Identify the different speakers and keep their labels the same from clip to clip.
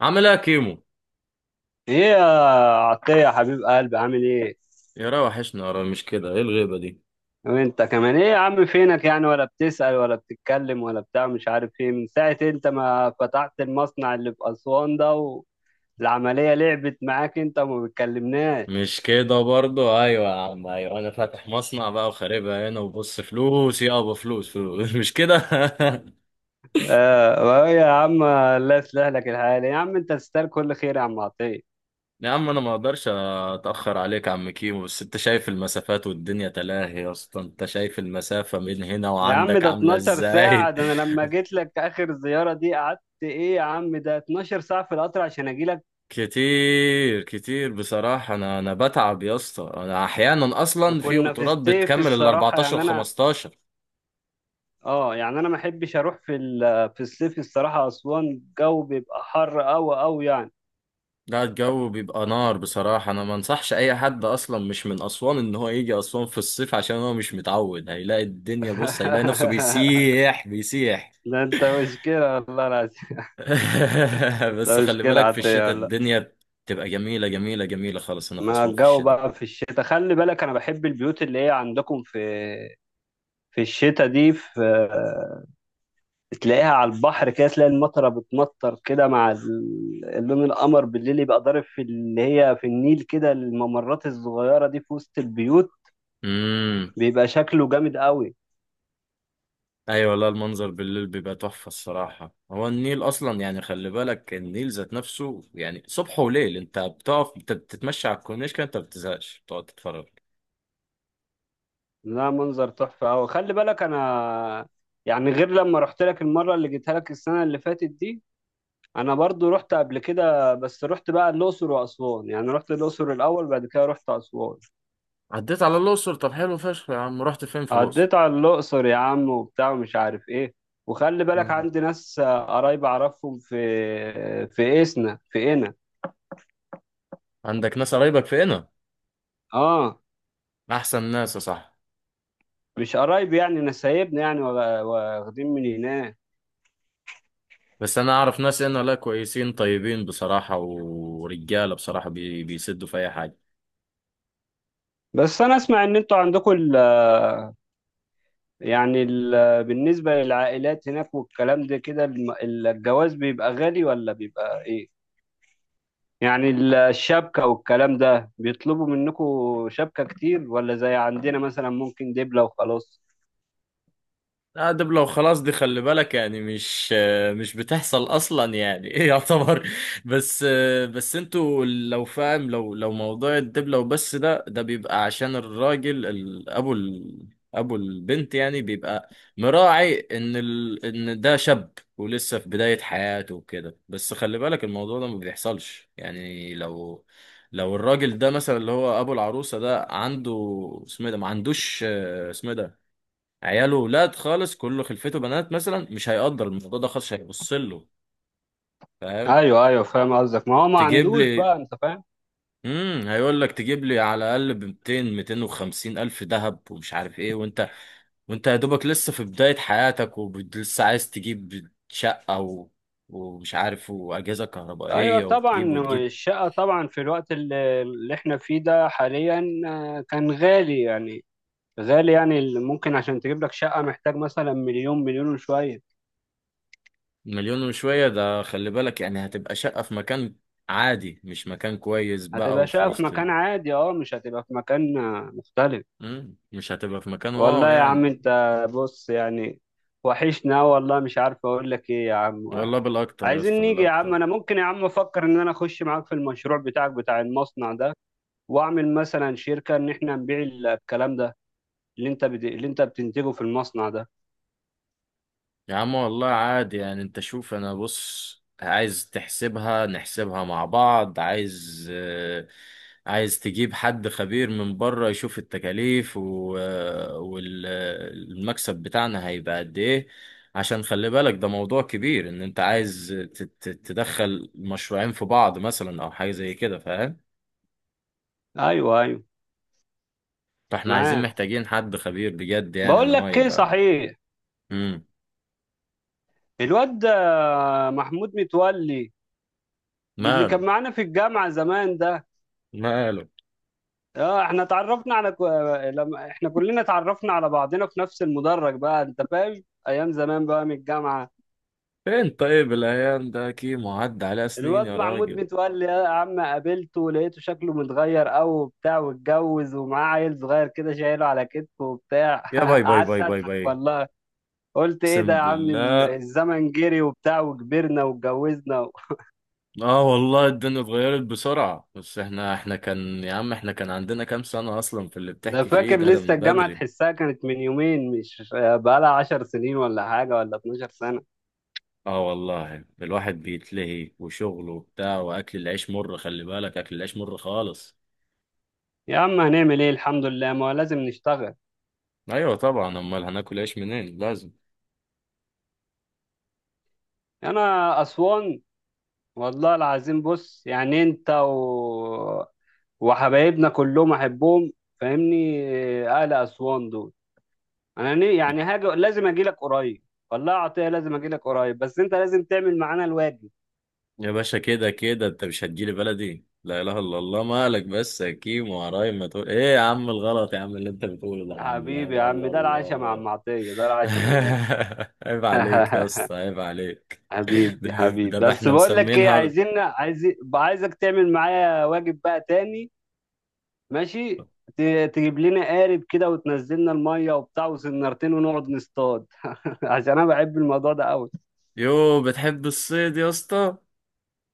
Speaker 1: عامل ايه يا كيمو؟
Speaker 2: ايه يا عطية يا حبيب قلبي عامل ايه؟
Speaker 1: يا را وحشنا يا را، مش كده؟ ايه الغيبة دي؟
Speaker 2: وانت كمان ايه يا عم فينك يعني ولا بتسأل ولا بتتكلم ولا بتاع مش عارف ايه من ساعة انت ما فتحت المصنع اللي في أسوان ده، والعملية لعبت معاك انت وما بتكلمناش.
Speaker 1: مش كده برضو. ايوه يا عم، ايوه، انا فاتح مصنع بقى وخاربها هنا وبص، فلوس يابا، فلوس فلوس. مش كده.
Speaker 2: اه وإيه يا عم، الله يصلح لك الحال يا عم، انت تستاهل كل خير يا عم عطية.
Speaker 1: يا عم انا ما اقدرش اتاخر عليك يا عم كيمو، بس انت شايف المسافات والدنيا تلاهي يا اسطى، انت شايف المسافة من هنا
Speaker 2: يا عم
Speaker 1: وعندك
Speaker 2: ده
Speaker 1: عاملة
Speaker 2: 12 ساعة،
Speaker 1: ازاي.
Speaker 2: ده انا لما جيت لك اخر زيارة دي قعدت ايه؟ يا عم ده 12 ساعة في القطر عشان اجي لك.
Speaker 1: كتير كتير بصراحة. أنا بتعب يا اسطى، أنا أحيانا أصلا في
Speaker 2: وكنا في
Speaker 1: قطورات
Speaker 2: ستيف
Speaker 1: بتكمل ال
Speaker 2: الصراحة
Speaker 1: 14
Speaker 2: يعني انا،
Speaker 1: و15.
Speaker 2: اه يعني انا ما احبش اروح في الصيف الصراحه، اسوان الجو بيبقى حر قوي قوي يعني.
Speaker 1: لا، الجو بيبقى نار بصراحة. أنا ما أنصحش أي حد أصلا مش من أسوان إن هو يجي أسوان في الصيف، عشان هو مش متعود. هيلاقي الدنيا، بص، هيلاقي نفسه بيسيح بيسيح.
Speaker 2: ده انت مشكله والله العظيم، انت
Speaker 1: بس خلي
Speaker 2: مشكله
Speaker 1: بالك في
Speaker 2: عاديه
Speaker 1: الشتاء
Speaker 2: والله.
Speaker 1: الدنيا تبقى جميلة جميلة جميلة خالص هنا في
Speaker 2: ما
Speaker 1: أسوان في
Speaker 2: الجو
Speaker 1: الشتاء.
Speaker 2: بقى في الشتاء خلي بالك، انا بحب البيوت اللي هي عندكم في في الشتاء دي، في تلاقيها على البحر كده، تلاقي المطره بتمطر كده مع اللون القمر بالليل يبقى ضارب في اللي هي في النيل كده، الممرات الصغيره دي في وسط البيوت
Speaker 1: امم.
Speaker 2: بيبقى شكله جامد قوي.
Speaker 1: أيوة. لا، المنظر بالليل بيبقى تحفة الصراحة. هو النيل أصلا يعني، خلي بالك، النيل ذات نفسه يعني صبح وليل. أنت بتقف بتتمشى على الكورنيش كده، أنت ما بتزهقش، بتقعد تتفرج.
Speaker 2: لا منظر تحفة أوي، خلي بالك، أنا يعني غير لما رحت لك المرة اللي جيتها لك السنة اللي فاتت دي، أنا برضو رحت قبل كده، بس رحت بقى الأقصر وأسوان، يعني رحت الأقصر الأول بعد كده رحت أسوان.
Speaker 1: عديت على الأقصر؟ طب حلو فشخ يا عم، رحت فين في الأقصر؟
Speaker 2: عديت على الأقصر يا عم وبتاع ومش عارف إيه، وخلي بالك
Speaker 1: مم.
Speaker 2: عندي ناس قرايب أعرفهم في في إسنا في إنا.
Speaker 1: عندك ناس قرايبك في هنا؟
Speaker 2: آه
Speaker 1: أحسن ناس يا صاحبي.
Speaker 2: مش قرايب يعني، نسايبنا يعني، واخدين من هناك.
Speaker 1: بس أنا أعرف ناس هنا، لا كويسين طيبين بصراحة، ورجالة بصراحة، بيسدوا في أي حاجة.
Speaker 2: بس أنا أسمع إن أنتوا عندكم يعني بالنسبة للعائلات هناك والكلام ده كده، الجواز بيبقى غالي ولا بيبقى ايه؟ يعني الشبكة والكلام ده بيطلبوا منكم شبكة كتير ولا زي عندنا مثلا ممكن دبلة وخلاص؟
Speaker 1: لا، ده لو خلاص دي، خلي بالك يعني، مش بتحصل اصلا يعني. ايه، يعتبر. بس بس انتوا لو فاهم، لو موضوع الدبلة وبس ده بيبقى عشان الراجل، ابو البنت يعني، بيبقى مراعي ان ان ده شاب ولسه في بداية حياته وكده، بس خلي بالك الموضوع ده ما بيحصلش يعني. لو الراجل ده مثلا، اللي هو ابو العروسة ده، عنده اسمه إيه ده، ما عندوش اسمه إيه ده، عياله ولاد خالص، كله خلفته بنات مثلا، مش هيقدر الموضوع ده خالص، هيبص له فاهم.
Speaker 2: ايوه ايوه فاهم قصدك، ما هو ما
Speaker 1: تجيب
Speaker 2: عندوش
Speaker 1: لي،
Speaker 2: بقى، انت فاهم؟
Speaker 1: هيقول لك تجيب لي على الاقل ب 200 250 الف ذهب ومش عارف ايه، وانت يا دوبك لسه في بداية حياتك ولسه عايز تجيب شقة ومش عارف، وأجهزة
Speaker 2: ايوه
Speaker 1: كهربائية،
Speaker 2: طبعا.
Speaker 1: وتجيب وتجيب.
Speaker 2: الشقة طبعا في الوقت اللي احنا فيه ده حاليا كان غالي يعني، غالي يعني ممكن عشان تجيب لك شقة محتاج مثلا مليون مليون وشوية.
Speaker 1: مليون وشوية ده، خلي بالك يعني، هتبقى شقة في مكان عادي، مش مكان كويس بقى،
Speaker 2: هتبقى
Speaker 1: وفي
Speaker 2: شقة في
Speaker 1: وسط
Speaker 2: مكان عادي، اه مش هتبقى في مكان مختلف.
Speaker 1: مش هتبقى في مكان
Speaker 2: والله
Speaker 1: واو
Speaker 2: يا عم
Speaker 1: يعني.
Speaker 2: انت، بص يعني، وحشنا والله، مش عارف اقول لك ايه يا عم.
Speaker 1: والله بالاكتر يا
Speaker 2: عايزين
Speaker 1: اسطى،
Speaker 2: نيجي يا عم،
Speaker 1: بالاكتر.
Speaker 2: انا ممكن يا عم افكر ان انا اخش معاك في المشروع بتاعك بتاع المصنع ده، واعمل مثلا شركة ان احنا نبيع الكلام ده، اللي انت بتنتجه في المصنع ده.
Speaker 1: يا عم والله عادي يعني. انت شوف، انا بص، عايز تحسبها نحسبها مع بعض. عايز تجيب حد خبير من بره يشوف التكاليف والمكسب بتاعنا هيبقى قد ايه، عشان خلي بالك ده موضوع كبير. ان انت عايز تدخل مشروعين في بعض مثلا او حاجة زي كده، فاهم.
Speaker 2: ايوه ايوه
Speaker 1: فاحنا عايزين
Speaker 2: معاك.
Speaker 1: محتاجين حد خبير بجد يعني ان
Speaker 2: بقول
Speaker 1: هو
Speaker 2: لك ايه
Speaker 1: يبقى.
Speaker 2: صحيح،
Speaker 1: امم.
Speaker 2: الواد ده محمود متولي اللي
Speaker 1: ماله.
Speaker 2: كان معانا في الجامعة زمان ده،
Speaker 1: ماله.
Speaker 2: اه احنا لما احنا كلنا اتعرفنا على بعضنا في نفس المدرج بقى، انت فاهم ايام زمان بقى من الجامعه.
Speaker 1: فين طيب؟ الأيام ده كيمو عدى عليها سنين
Speaker 2: الواد
Speaker 1: يا
Speaker 2: محمود
Speaker 1: راجل.
Speaker 2: متولي يا عم قابلته، لقيته شكله متغير قوي وبتاع، واتجوز ومعاه عيل صغير كده شايله على كتفه وبتاع.
Speaker 1: يا باي باي
Speaker 2: قعدت
Speaker 1: باي باي
Speaker 2: اضحك
Speaker 1: باي!
Speaker 2: والله، قلت ايه ده
Speaker 1: اقسم
Speaker 2: يا عم،
Speaker 1: بالله.
Speaker 2: الزمن جري وبتاع وكبرنا واتجوزنا و...
Speaker 1: اه والله الدنيا اتغيرت بسرعة. بس احنا كان عندنا كام سنة أصلا في اللي
Speaker 2: ده
Speaker 1: بتحكي فيه
Speaker 2: فاكر
Speaker 1: ده؟ ده
Speaker 2: لسه
Speaker 1: من
Speaker 2: الجامعه
Speaker 1: بدري.
Speaker 2: تحسها كانت من يومين، مش بقالها 10 سنين ولا حاجه ولا 12 سنه.
Speaker 1: اه والله الواحد بيتلهي وشغله وبتاع، وأكل العيش مر، خلي بالك، أكل العيش مر خالص.
Speaker 2: يا عم هنعمل ايه، الحمد لله ما هو لازم نشتغل.
Speaker 1: أيوة طبعا، أمال هناكل عيش منين؟ لازم.
Speaker 2: انا اسوان والله العظيم، بص يعني انت و... وحبايبنا كلهم احبهم فاهمني، اهل اسوان دول. انا يعني هاجي، لازم اجي لك قريب، والله يا عطيه لازم اجي لك قريب، بس انت لازم تعمل معانا الواجب.
Speaker 1: يا باشا، كده كده انت مش هتجيلي بلدي؟ لا اله الا الله، مالك بس يا كيم وعرايم؟ ما تقول ايه يا عم، الغلط يا عم اللي انت بتقوله ده يا عم، لا
Speaker 2: حبيبي يا
Speaker 1: اله
Speaker 2: عم،
Speaker 1: الا
Speaker 2: ده العشاء مع ام
Speaker 1: الله.
Speaker 2: عطيه ده العشاء من غير.
Speaker 1: عيب عليك يا اسطى، عيب عليك. ده,
Speaker 2: حبيبي حبيبي،
Speaker 1: ده بقى
Speaker 2: بس
Speaker 1: احنا
Speaker 2: بقول لك ايه،
Speaker 1: مسمينها.
Speaker 2: عايز، عايزك تعمل معايا واجب بقى تاني، ماشي؟ تجيب لنا قارب كده وتنزلنا الميه وبتاع وسنارتين ونقعد نصطاد. عشان انا بحب الموضوع ده قوي،
Speaker 1: يو، بتحب الصيد يا اسطى؟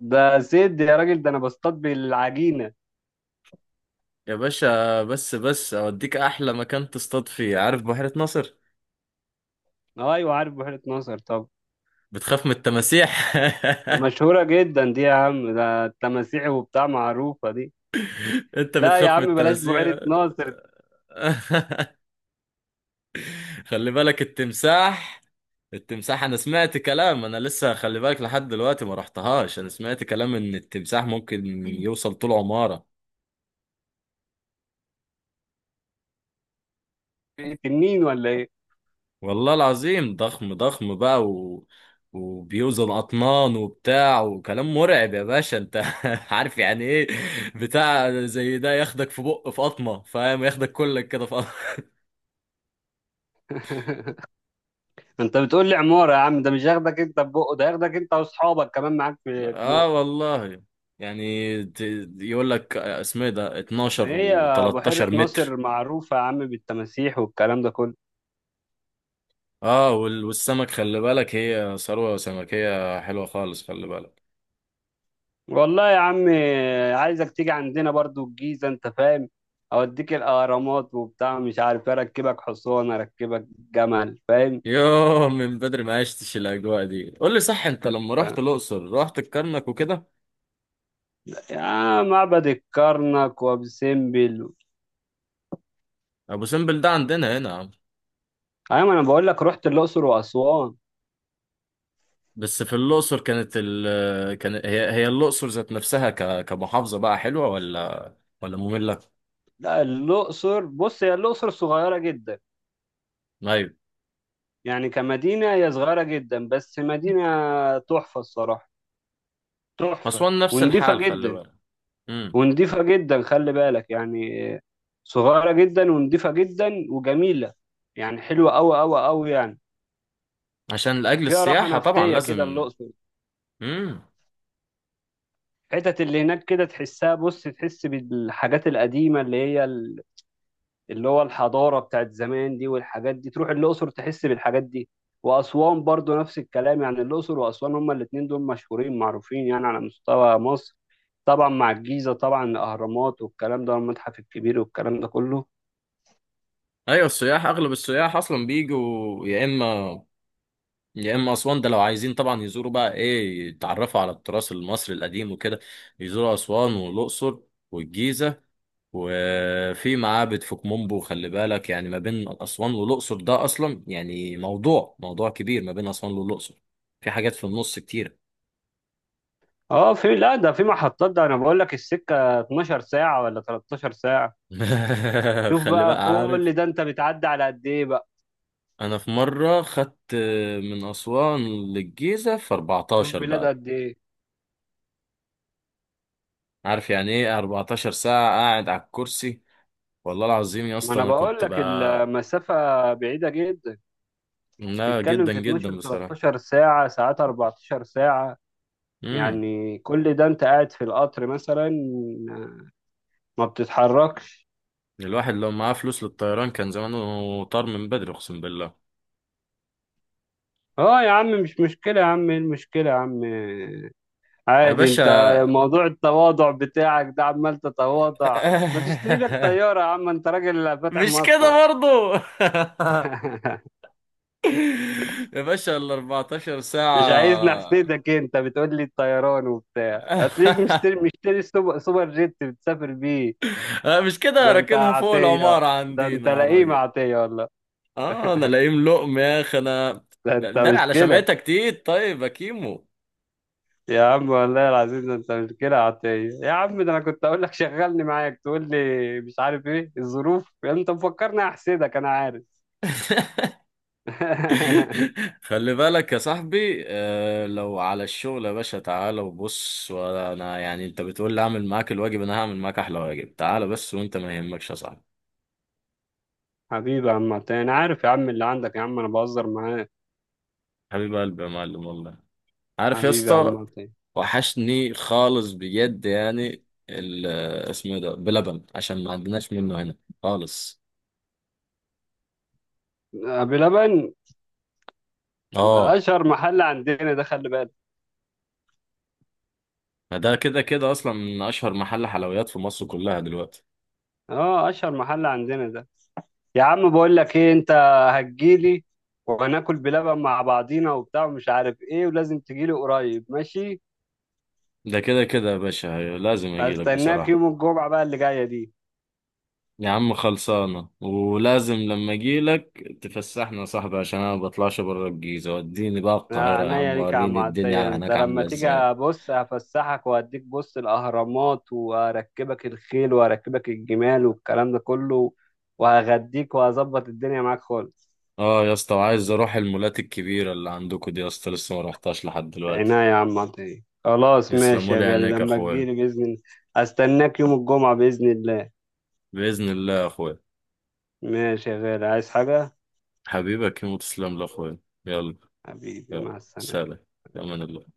Speaker 2: ده سيد يا راجل، ده انا بصطاد بالعجينه.
Speaker 1: يا باشا، بس اوديك احلى مكان تصطاد فيه، عارف بحيرة ناصر؟
Speaker 2: ايوه عارف بحيره ناصر، طب
Speaker 1: بتخاف من التماسيح؟
Speaker 2: مشهوره جدا دي يا عم، ده التماسيح وبتاع معروفه دي.
Speaker 1: انت
Speaker 2: لا يا
Speaker 1: بتخاف من
Speaker 2: عم بلاش بحيره
Speaker 1: التماسيح؟
Speaker 2: ناصر،
Speaker 1: خلي بالك التمساح. التمساح، انا سمعت كلام، انا لسه خلي بالك لحد دلوقتي ما رحتهاش، انا سمعت كلام ان التمساح ممكن يوصل طول عمارة.
Speaker 2: دي تنين ولا ايه؟
Speaker 1: والله العظيم، ضخم ضخم بقى، وبيوزن اطنان وبتاع، وكلام مرعب يا باشا، انت عارف يعني ايه، بتاع زي ده ياخدك في بق، في قطمة فاهم، ياخدك كلك كده في قطمة.
Speaker 2: انت بتقول لي عماره يا عم، ده مش هياخدك انت ببقه، ده هياخدك انت واصحابك كمان معاك في في
Speaker 1: اه
Speaker 2: بقه.
Speaker 1: والله. يعني يقول لك اسمه إيه ده، 12
Speaker 2: هي
Speaker 1: و13
Speaker 2: بحيره
Speaker 1: متر.
Speaker 2: ناصر معروفه يا عم، بالتماسيح والكلام ده كله.
Speaker 1: اه، والسمك خلي بالك، هي ثروة سمكية حلوة خالص، خلي بالك.
Speaker 2: والله يا عم، عايزك تيجي عندنا برضو الجيزة انت فاهم، اوديك الاهرامات وبتاع، مش عارف اركبك حصان، اركبك جمل فاهم.
Speaker 1: يوه، من بدري ما عشتش الاجواء دي. قول لي صح، انت لما رحت الاقصر رحت الكرنك وكده؟
Speaker 2: يا معبد الكرنك وابو سمبل.
Speaker 1: ابو سمبل ده عندنا هنا يا عم.
Speaker 2: ايوه انا بقول لك رحت الاقصر واسوان.
Speaker 1: بس في الاقصر، كانت ال كان هي هي الاقصر ذات نفسها كمحافظه بقى، حلوه ولا ممله؟
Speaker 2: لا الاقصر بص، هي الاقصر صغيره جدا،
Speaker 1: ايوه.
Speaker 2: يعني كمدينه هي صغيره جدا، بس مدينه تحفه الصراحه، تحفه
Speaker 1: اسوان نفس
Speaker 2: ونضيفه
Speaker 1: الحال خلي
Speaker 2: جدا.
Speaker 1: بالك. امم.
Speaker 2: ونضيفة جدا خلي بالك، يعني صغيرة جدا ونضيفة جدا وجميلة، يعني حلوة أوي أوي أوي يعني،
Speaker 1: عشان لاجل
Speaker 2: فيها راحة
Speaker 1: السياحه طبعا
Speaker 2: نفسية كده
Speaker 1: لازم.
Speaker 2: الأقصر.
Speaker 1: امم.
Speaker 2: الحتت اللي هناك كده تحسها، بص تحس بالحاجات القديمة اللي هي اللي هو الحضارة بتاعت زمان دي، والحاجات دي تروح الأقصر تحس بالحاجات دي. وأسوان برضو نفس الكلام، يعني الأقصر وأسوان هما الاتنين دول مشهورين معروفين يعني على مستوى مصر، طبعا مع الجيزة طبعا، الأهرامات والكلام ده والمتحف الكبير والكلام ده كله.
Speaker 1: ايوه، اغلب السياح اصلا بيجوا، يا اما يا اما اسوان ده لو عايزين طبعا يزوروا بقى ايه، يتعرفوا على التراث المصري القديم وكده، يزوروا اسوان والاقصر والجيزه. وفي معابد في كومبو، خلي بالك، يعني ما بين اسوان والاقصر ده اصلا يعني موضوع، موضوع كبير ما بين اسوان والاقصر، في حاجات في النص كتير.
Speaker 2: اه في، لا ده في محطات، ده انا بقول لك السكه 12 ساعه ولا 13 ساعه. شوف
Speaker 1: خلي
Speaker 2: بقى
Speaker 1: بقى عارف.
Speaker 2: كل ده، انت بتعدي على قد ايه بقى؟
Speaker 1: انا في مره خدت من اسوان للجيزه في
Speaker 2: شوف
Speaker 1: 14
Speaker 2: بلاد
Speaker 1: بقى،
Speaker 2: قد ايه.
Speaker 1: عارف يعني ايه 14 ساعه قاعد على الكرسي؟ والله العظيم يا
Speaker 2: ما
Speaker 1: اسطى،
Speaker 2: انا
Speaker 1: انا
Speaker 2: بقول
Speaker 1: كنت
Speaker 2: لك
Speaker 1: بقى.
Speaker 2: المسافه بعيده جدا،
Speaker 1: لا،
Speaker 2: تتكلم
Speaker 1: جدا
Speaker 2: في
Speaker 1: جدا
Speaker 2: 12،
Speaker 1: بصراحة.
Speaker 2: 13 ساعه، ساعات 14 ساعه.
Speaker 1: امم.
Speaker 2: يعني كل ده انت قاعد في القطر مثلا، ما بتتحركش.
Speaker 1: الواحد لو معاه فلوس للطيران كان زمانه طار من بدري، اقسم بالله.
Speaker 2: اه يا عم مش مشكله يا عم، ايه المشكله يا عم،
Speaker 1: يا
Speaker 2: عادي انت.
Speaker 1: باشا.
Speaker 2: موضوع التواضع بتاعك ده، عمال تتواضع، ما تشتري لك طيارة يا عم، انت راجل فاتح
Speaker 1: مش
Speaker 2: مصنع.
Speaker 1: كده برضو؟ يا باشا، ال 14
Speaker 2: مش عايز
Speaker 1: ساعة.
Speaker 2: نحسدك، انت بتقول لي الطيران وبتاع، هتلاقيك مشتري، سوبر جيت بتسافر بيه.
Speaker 1: أنا مش كده،
Speaker 2: ده انت
Speaker 1: راكنها فوق
Speaker 2: عطية،
Speaker 1: العمارة
Speaker 2: ده انت
Speaker 1: عندنا يا
Speaker 2: لئيم
Speaker 1: راجل.
Speaker 2: عطية والله،
Speaker 1: اه، انا لاقيم لقم يا اخي انا.
Speaker 2: ده انت
Speaker 1: ده
Speaker 2: مش
Speaker 1: على
Speaker 2: كده.
Speaker 1: شمعتك تيت طيب يا كيمو.
Speaker 2: يا عم والله العظيم ده انت مش كده عطية، يا عم ده انا كنت اقول لك شغلني معاك، تقول لي مش عارف ايه الظروف، انت مفكرني احسدك، انا عارف.
Speaker 1: خلي بالك يا صاحبي، لو على الشغل يا باشا تعالى وبص، وانا يعني انت بتقول لي اعمل معاك الواجب، انا هعمل معاك احلى واجب، تعالى بس وانت ما يهمكش يا صاحبي.
Speaker 2: حبيبي يا عم عطية، أنا عارف يا عم اللي عندك يا عم، أنا بهزر معاك.
Speaker 1: حبيب قلبي يا معلم والله. عارف يا
Speaker 2: حبيبي يا عم
Speaker 1: اسطى،
Speaker 2: عطية.
Speaker 1: وحشني خالص بجد يعني اسمه إيه ده بلبن، عشان ما عندناش منه هنا خالص.
Speaker 2: أبي لبن، ده
Speaker 1: اه،
Speaker 2: أشهر محل عندنا ده خلي بالك.
Speaker 1: ما ده كده كده اصلا من اشهر محل حلويات في مصر كلها دلوقتي.
Speaker 2: أه أشهر محل عندنا ده. يا عم بقول لك إيه أنت، هتجيلي وهناكل بلبن مع بعضينا وبتاع ومش عارف إيه، ولازم تجيلي قريب ماشي.
Speaker 1: ده كده كده يا باشا، لازم اجيلك
Speaker 2: هستناك
Speaker 1: بصراحة.
Speaker 2: يوم الجمعة بقى اللي جاية دي.
Speaker 1: يا عم خلصانة، ولازم لما اجيلك تفسحنا يا صاحبي، عشان انا ما بطلعش بره الجيزة، وديني بقى
Speaker 2: يا
Speaker 1: القاهرة يا
Speaker 2: عينيا
Speaker 1: عم،
Speaker 2: ليك يا عم
Speaker 1: وريني
Speaker 2: عطية،
Speaker 1: الدنيا
Speaker 2: انت
Speaker 1: هناك
Speaker 2: لما
Speaker 1: عاملة
Speaker 2: تيجي
Speaker 1: ازاي.
Speaker 2: بص هفسحك وهديك، بص الاهرامات واركبك الخيل واركبك الجمال والكلام ده كله، وهغديك وهظبط الدنيا معاك خالص.
Speaker 1: اه يا اسطى، وعايز اروح المولات الكبيرة اللي عندكم دي يا اسطى، لسه ما رحتهاش لحد
Speaker 2: عينيا
Speaker 1: دلوقتي.
Speaker 2: يا عم عطية، خلاص ماشي
Speaker 1: يسلموا
Speaker 2: يا
Speaker 1: لي
Speaker 2: غالي
Speaker 1: عينيك يا
Speaker 2: لما
Speaker 1: اخويا.
Speaker 2: تجيلي بإذن الله. استناك يوم الجمعة بإذن الله.
Speaker 1: بإذن الله يا اخويا.
Speaker 2: ماشي يا غالي، عايز حاجة؟
Speaker 1: حبيبك يموت، تسلم لي يا اخويا. يلا.
Speaker 2: حبيبي
Speaker 1: يلا.
Speaker 2: مع السلامة.
Speaker 1: سلام. في امان الله.